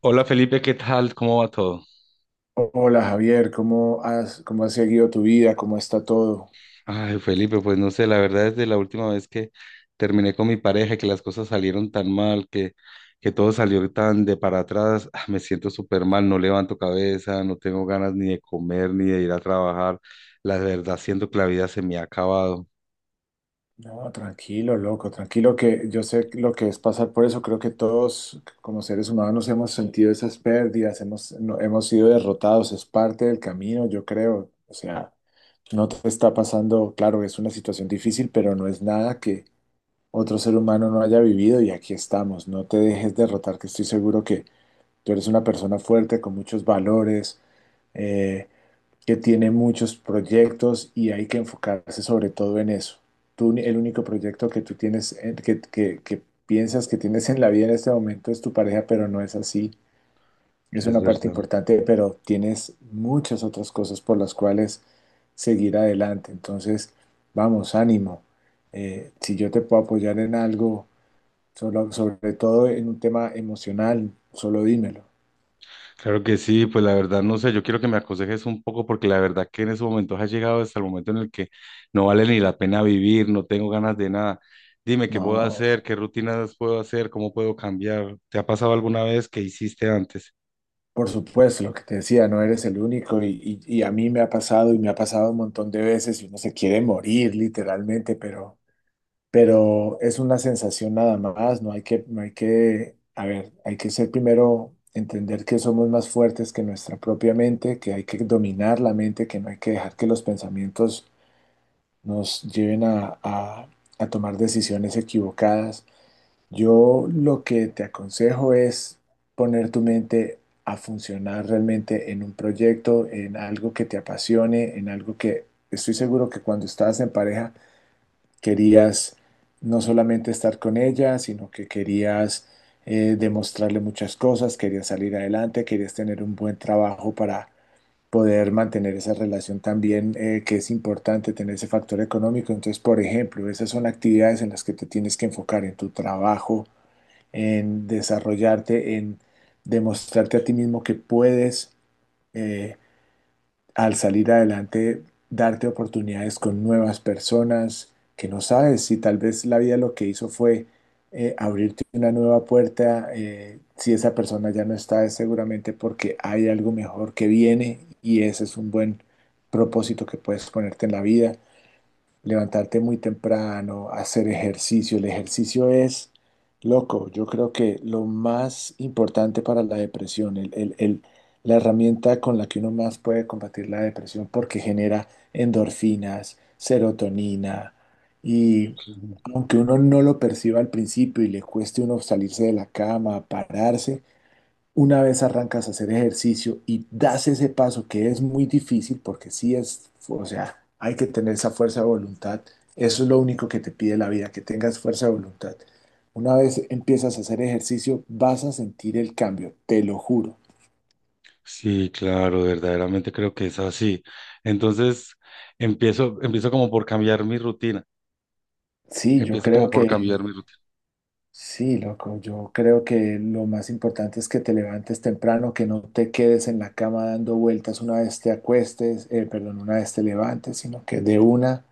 Hola Felipe, ¿qué tal? ¿Cómo va todo? Hola Javier, cómo has seguido tu vida? ¿Cómo está todo? Ay, Felipe, pues no sé, la verdad es de la última vez que terminé con mi pareja, que las cosas salieron tan mal, que todo salió tan de para atrás, me siento súper mal, no levanto cabeza, no tengo ganas ni de comer, ni de ir a trabajar. La verdad, siento que la vida se me ha acabado, No, tranquilo, loco, tranquilo, que yo sé lo que es pasar por eso. Creo que todos como seres humanos hemos sentido esas pérdidas, hemos, no- hemos sido derrotados, es parte del camino, yo creo. O sea, no te está pasando, claro, es una situación difícil, pero no es nada que otro ser humano no haya vivido y aquí estamos. No te dejes derrotar, que estoy seguro que tú eres una persona fuerte, con muchos valores. eh, que tiene muchos proyectos y hay que enfocarse sobre todo en eso. Tú, el único proyecto que tú tienes, que piensas que tienes en la vida en este momento es tu pareja, pero no es así. Es es una parte verdad. importante, pero tienes muchas otras cosas por las cuales seguir adelante. Entonces, vamos, ánimo. Si yo te puedo apoyar en algo, sobre todo en un tema emocional, solo dímelo. Claro que sí, pues la verdad no sé, yo quiero que me aconsejes un poco porque la verdad que en esos momentos has llegado hasta el momento en el que no vale ni la pena vivir, no tengo ganas de nada. Dime qué puedo No. hacer, qué rutinas puedo hacer, cómo puedo cambiar. ¿Te ha pasado alguna vez que hiciste antes? Por supuesto, lo que te decía, no eres el único y a mí me ha pasado y me ha pasado un montón de veces y uno se quiere morir literalmente, pero es una sensación nada más, no hay que, no hay que, a ver, hay que ser primero, entender que somos más fuertes que nuestra propia mente, que hay que dominar la mente, que no hay que dejar que los pensamientos nos lleven a tomar decisiones equivocadas. Yo lo que te aconsejo es poner tu mente a funcionar realmente en un proyecto, en algo que te apasione, en algo que estoy seguro que cuando estabas en pareja querías no solamente estar con ella, sino que querías demostrarle muchas cosas, querías salir adelante, querías tener un buen trabajo para poder mantener esa relación también, que es importante tener ese factor económico. Entonces, por ejemplo, esas son actividades en las que te tienes que enfocar en tu trabajo, en desarrollarte, en demostrarte a ti mismo que puedes, eh, al salir adelante, darte oportunidades con nuevas personas que no sabes si tal vez la vida lo que hizo fue abrirte una nueva puerta. Si esa persona ya no está, es seguramente porque hay algo mejor que viene y ese es un buen propósito que puedes ponerte en la vida, levantarte muy temprano, hacer ejercicio. El ejercicio es loco. Yo creo que lo más importante para la depresión, la herramienta con la que uno más puede combatir la depresión porque genera endorfinas, serotonina y Ujú. aunque uno no lo perciba al principio y le cueste uno salirse de la cama, pararse, una vez arrancas a hacer ejercicio y das ese paso que es muy difícil porque sí es, o sea, hay que tener esa fuerza de voluntad. Eso es lo único que te pide la vida, que tengas fuerza de voluntad. Una vez empiezas a hacer ejercicio, vas a sentir el cambio, te lo juro. Sí, claro, verdaderamente creo que es así. Entonces, empiezo como por cambiar mi rutina. Sí, yo Empiezo como creo por que, cambiar mi rutina. sí, loco, yo creo que lo más importante es que te levantes temprano, que no te quedes en la cama dando vueltas una vez te acuestes, perdón, una vez te levantes, sino que de una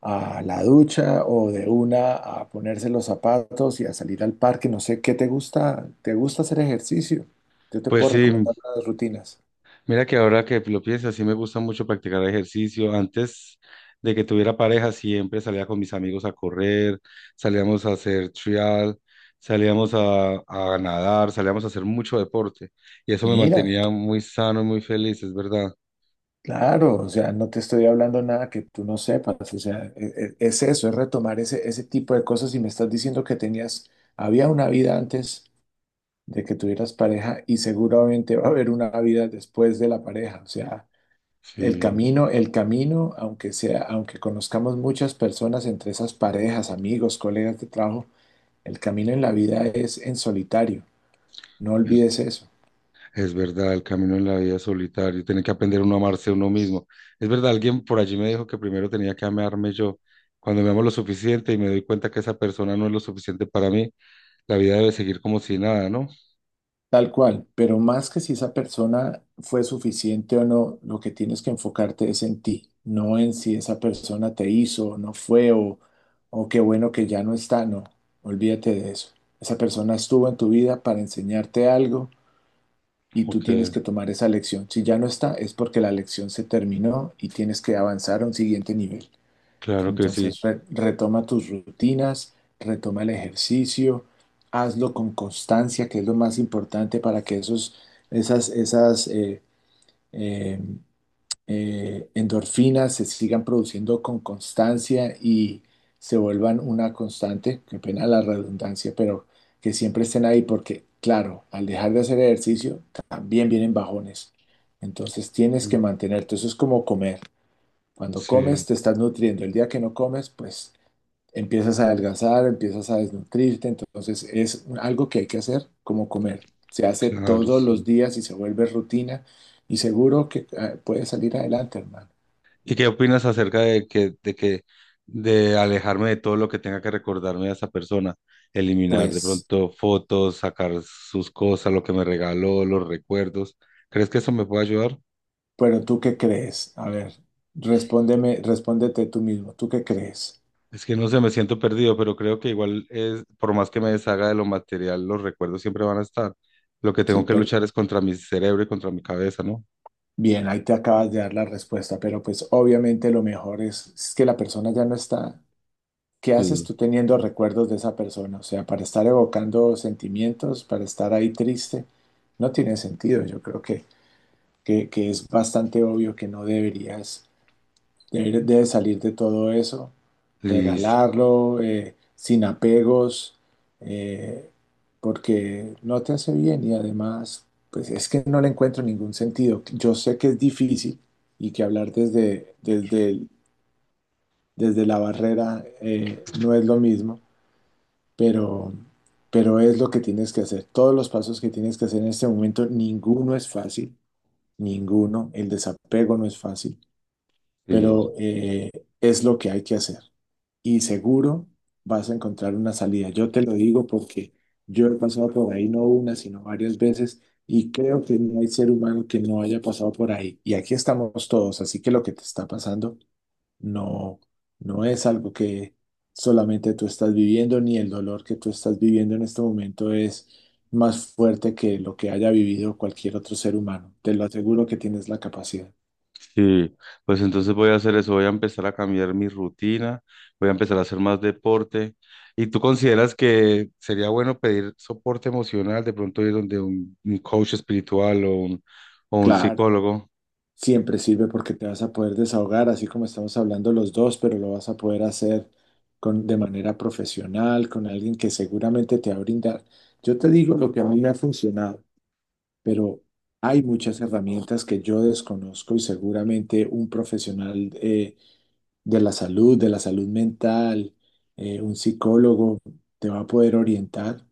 a la ducha o de una a ponerse los zapatos y a salir al parque. No sé, ¿qué te gusta? ¿Te gusta hacer ejercicio? Yo te Pues puedo sí, recomendar unas rutinas. mira que ahora que lo pienso, sí me gusta mucho practicar ejercicio. Antes de que tuviera pareja, siempre salía con mis amigos a correr, salíamos a hacer trial, salíamos a nadar, salíamos a hacer mucho deporte. Y eso me Mira, mantenía muy sano y muy feliz, es verdad. claro, o sea, no te estoy hablando nada que tú no sepas, o sea, es eso, es retomar ese tipo de cosas y me estás diciendo que tenías, había una vida antes de que tuvieras pareja y seguramente va a haber una vida después de la pareja, o sea, Sí, el camino, aunque sea, aunque conozcamos muchas personas entre esas parejas, amigos, colegas de trabajo, el camino en la vida es en solitario. No es, olvides eso. es verdad, el camino en la vida es solitario, tiene que aprender uno a amarse a uno mismo. Es verdad, alguien por allí me dijo que primero tenía que amarme yo. Cuando me amo lo suficiente y me doy cuenta que esa persona no es lo suficiente para mí, la vida debe seguir como si nada, ¿no? Tal cual, pero más que si esa persona fue suficiente o no, lo que tienes que enfocarte es en ti, no en si esa persona te hizo o qué bueno que ya no está, no, olvídate de eso. Esa persona estuvo en tu vida para enseñarte algo y tú Ok, tienes que tomar esa lección. Si ya no está, es porque la lección se terminó y tienes que avanzar a un siguiente nivel. claro que sí. Entonces, retoma tus rutinas, retoma el ejercicio, hazlo con constancia, que es lo más importante para que esas eh, endorfinas se sigan produciendo con constancia y se vuelvan una constante, qué pena la redundancia, pero que siempre estén ahí porque, claro, al dejar de hacer ejercicio también vienen bajones. Entonces tienes Mm. que mantenerte, eso es como comer. Cuando comes Sí, te estás nutriendo, el día que no comes, pues empiezas a adelgazar, empiezas a desnutrirte, entonces es algo que hay que hacer como comer. Se hace claro, todos los sí. días y se vuelve rutina y seguro que puedes salir adelante, hermano. ¿Y qué opinas acerca de alejarme de todo lo que tenga que recordarme a esa persona? Eliminar de Pues, pronto fotos, sacar sus cosas, lo que me regaló, los recuerdos. ¿Crees que eso me puede ayudar? pero ¿tú qué crees? A ver, respóndeme, respóndete tú mismo, ¿tú qué crees? Es que no sé, me siento perdido, pero creo que igual es, por más que me deshaga de lo material, los recuerdos siempre van a estar. Lo que Sí, tengo que pero luchar es contra mi cerebro y contra mi cabeza, ¿no? bien, ahí te acabas de dar la respuesta, pero pues obviamente lo mejor es que la persona ya no está. ¿Qué haces Sí. tú teniendo recuerdos de esa persona? O sea, para estar evocando sentimientos, para estar ahí triste, no tiene sentido. Yo creo que es bastante obvio que no deberías. Él debe salir de todo eso, Liz, regalarlo, sin apegos, eh, porque no te hace bien y además, pues es que no le encuentro ningún sentido. Yo sé que es difícil y que hablar desde la barrera no es lo mismo, pero, pero es lo que tienes que hacer. Todos los pasos que tienes que hacer en este momento, ninguno es fácil, ninguno. El desapego no es fácil, pero sí. Es lo que hay que hacer. Y seguro vas a encontrar una salida. Yo te lo digo porque yo he pasado por ahí no una, sino varias veces y creo que no hay ser humano que no haya pasado por ahí. Y aquí estamos todos, así que lo que te está pasando no, no es algo que solamente tú estás viviendo, ni el dolor que tú estás viviendo en este momento es más fuerte que lo que haya vivido cualquier otro ser humano. Te lo aseguro que tienes la capacidad. Sí, pues entonces voy a hacer eso, voy a empezar a cambiar mi rutina, voy a empezar a hacer más deporte. ¿Y tú consideras que sería bueno pedir soporte emocional, de pronto ir donde un coach espiritual o un Claro. psicólogo? Siempre sirve porque te vas a poder desahogar, así como estamos hablando los dos, pero lo vas a poder hacer con, de manera profesional, con alguien que seguramente te va a brindar. Yo te digo lo que a mí me ha funcionado, pero hay muchas herramientas que yo desconozco y seguramente un profesional de la salud mental, un psicólogo, te va a poder orientar,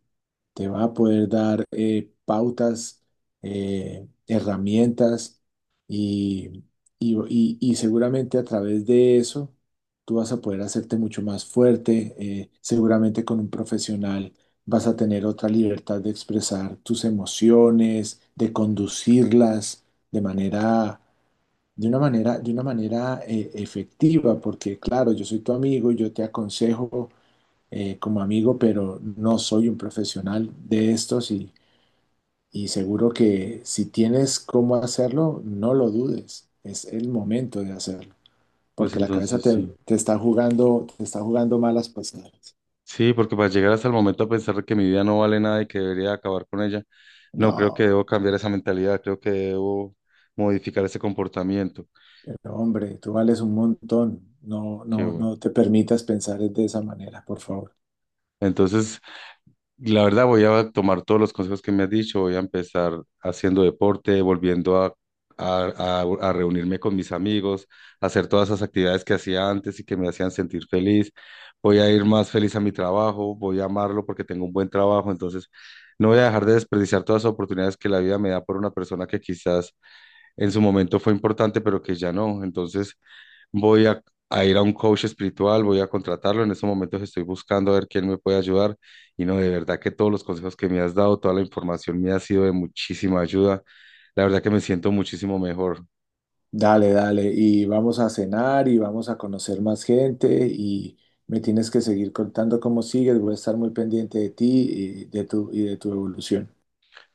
te va a poder dar pautas, herramientas y, y seguramente a través de eso tú vas a poder hacerte mucho más fuerte. Seguramente con un profesional vas a tener otra libertad de expresar tus emociones, de conducirlas de manera... De una manera, de una manera efectiva, porque claro, yo soy tu amigo, yo te aconsejo, como amigo, pero no soy un profesional de estos y seguro que si tienes cómo hacerlo, no lo dudes. Es el momento de hacerlo, Pues porque la cabeza entonces te, sí. Te está jugando malas pasadas. Sí, porque para llegar hasta el momento a pensar que mi vida no vale nada y que debería acabar con ella, no creo que No, debo cambiar esa mentalidad, creo que debo modificar ese comportamiento. pero hombre, tú vales un montón. No, Qué no, bueno. no te permitas pensar de esa manera, por favor. Entonces, la verdad, voy a tomar todos los consejos que me has dicho. Voy a empezar haciendo deporte, volviendo a, a reunirme con mis amigos, hacer todas esas actividades que hacía antes y que me hacían sentir feliz. Voy a ir más feliz a mi trabajo, voy a amarlo porque tengo un buen trabajo. Entonces, no voy a dejar de desperdiciar todas las oportunidades que la vida me da por una persona que quizás en su momento fue importante, pero que ya no. Entonces, voy a, a ir a un coach espiritual, voy a contratarlo. En estos momentos estoy buscando a ver quién me puede ayudar. Y no, de verdad que todos los consejos que me has dado, toda la información me ha sido de muchísima ayuda. La verdad que me siento muchísimo mejor. Dale, dale, y vamos a cenar y vamos a conocer más gente y me tienes que seguir contando cómo sigues, voy a estar muy pendiente de ti y de tu evolución.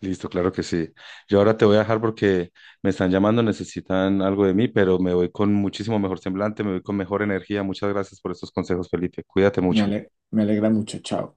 Listo, claro que sí. Yo ahora te voy a dejar porque me están llamando, necesitan algo de mí, pero me voy con muchísimo mejor semblante, me voy con mejor energía. Muchas gracias por estos consejos, Felipe. Cuídate mucho. Me alegra mucho, chao.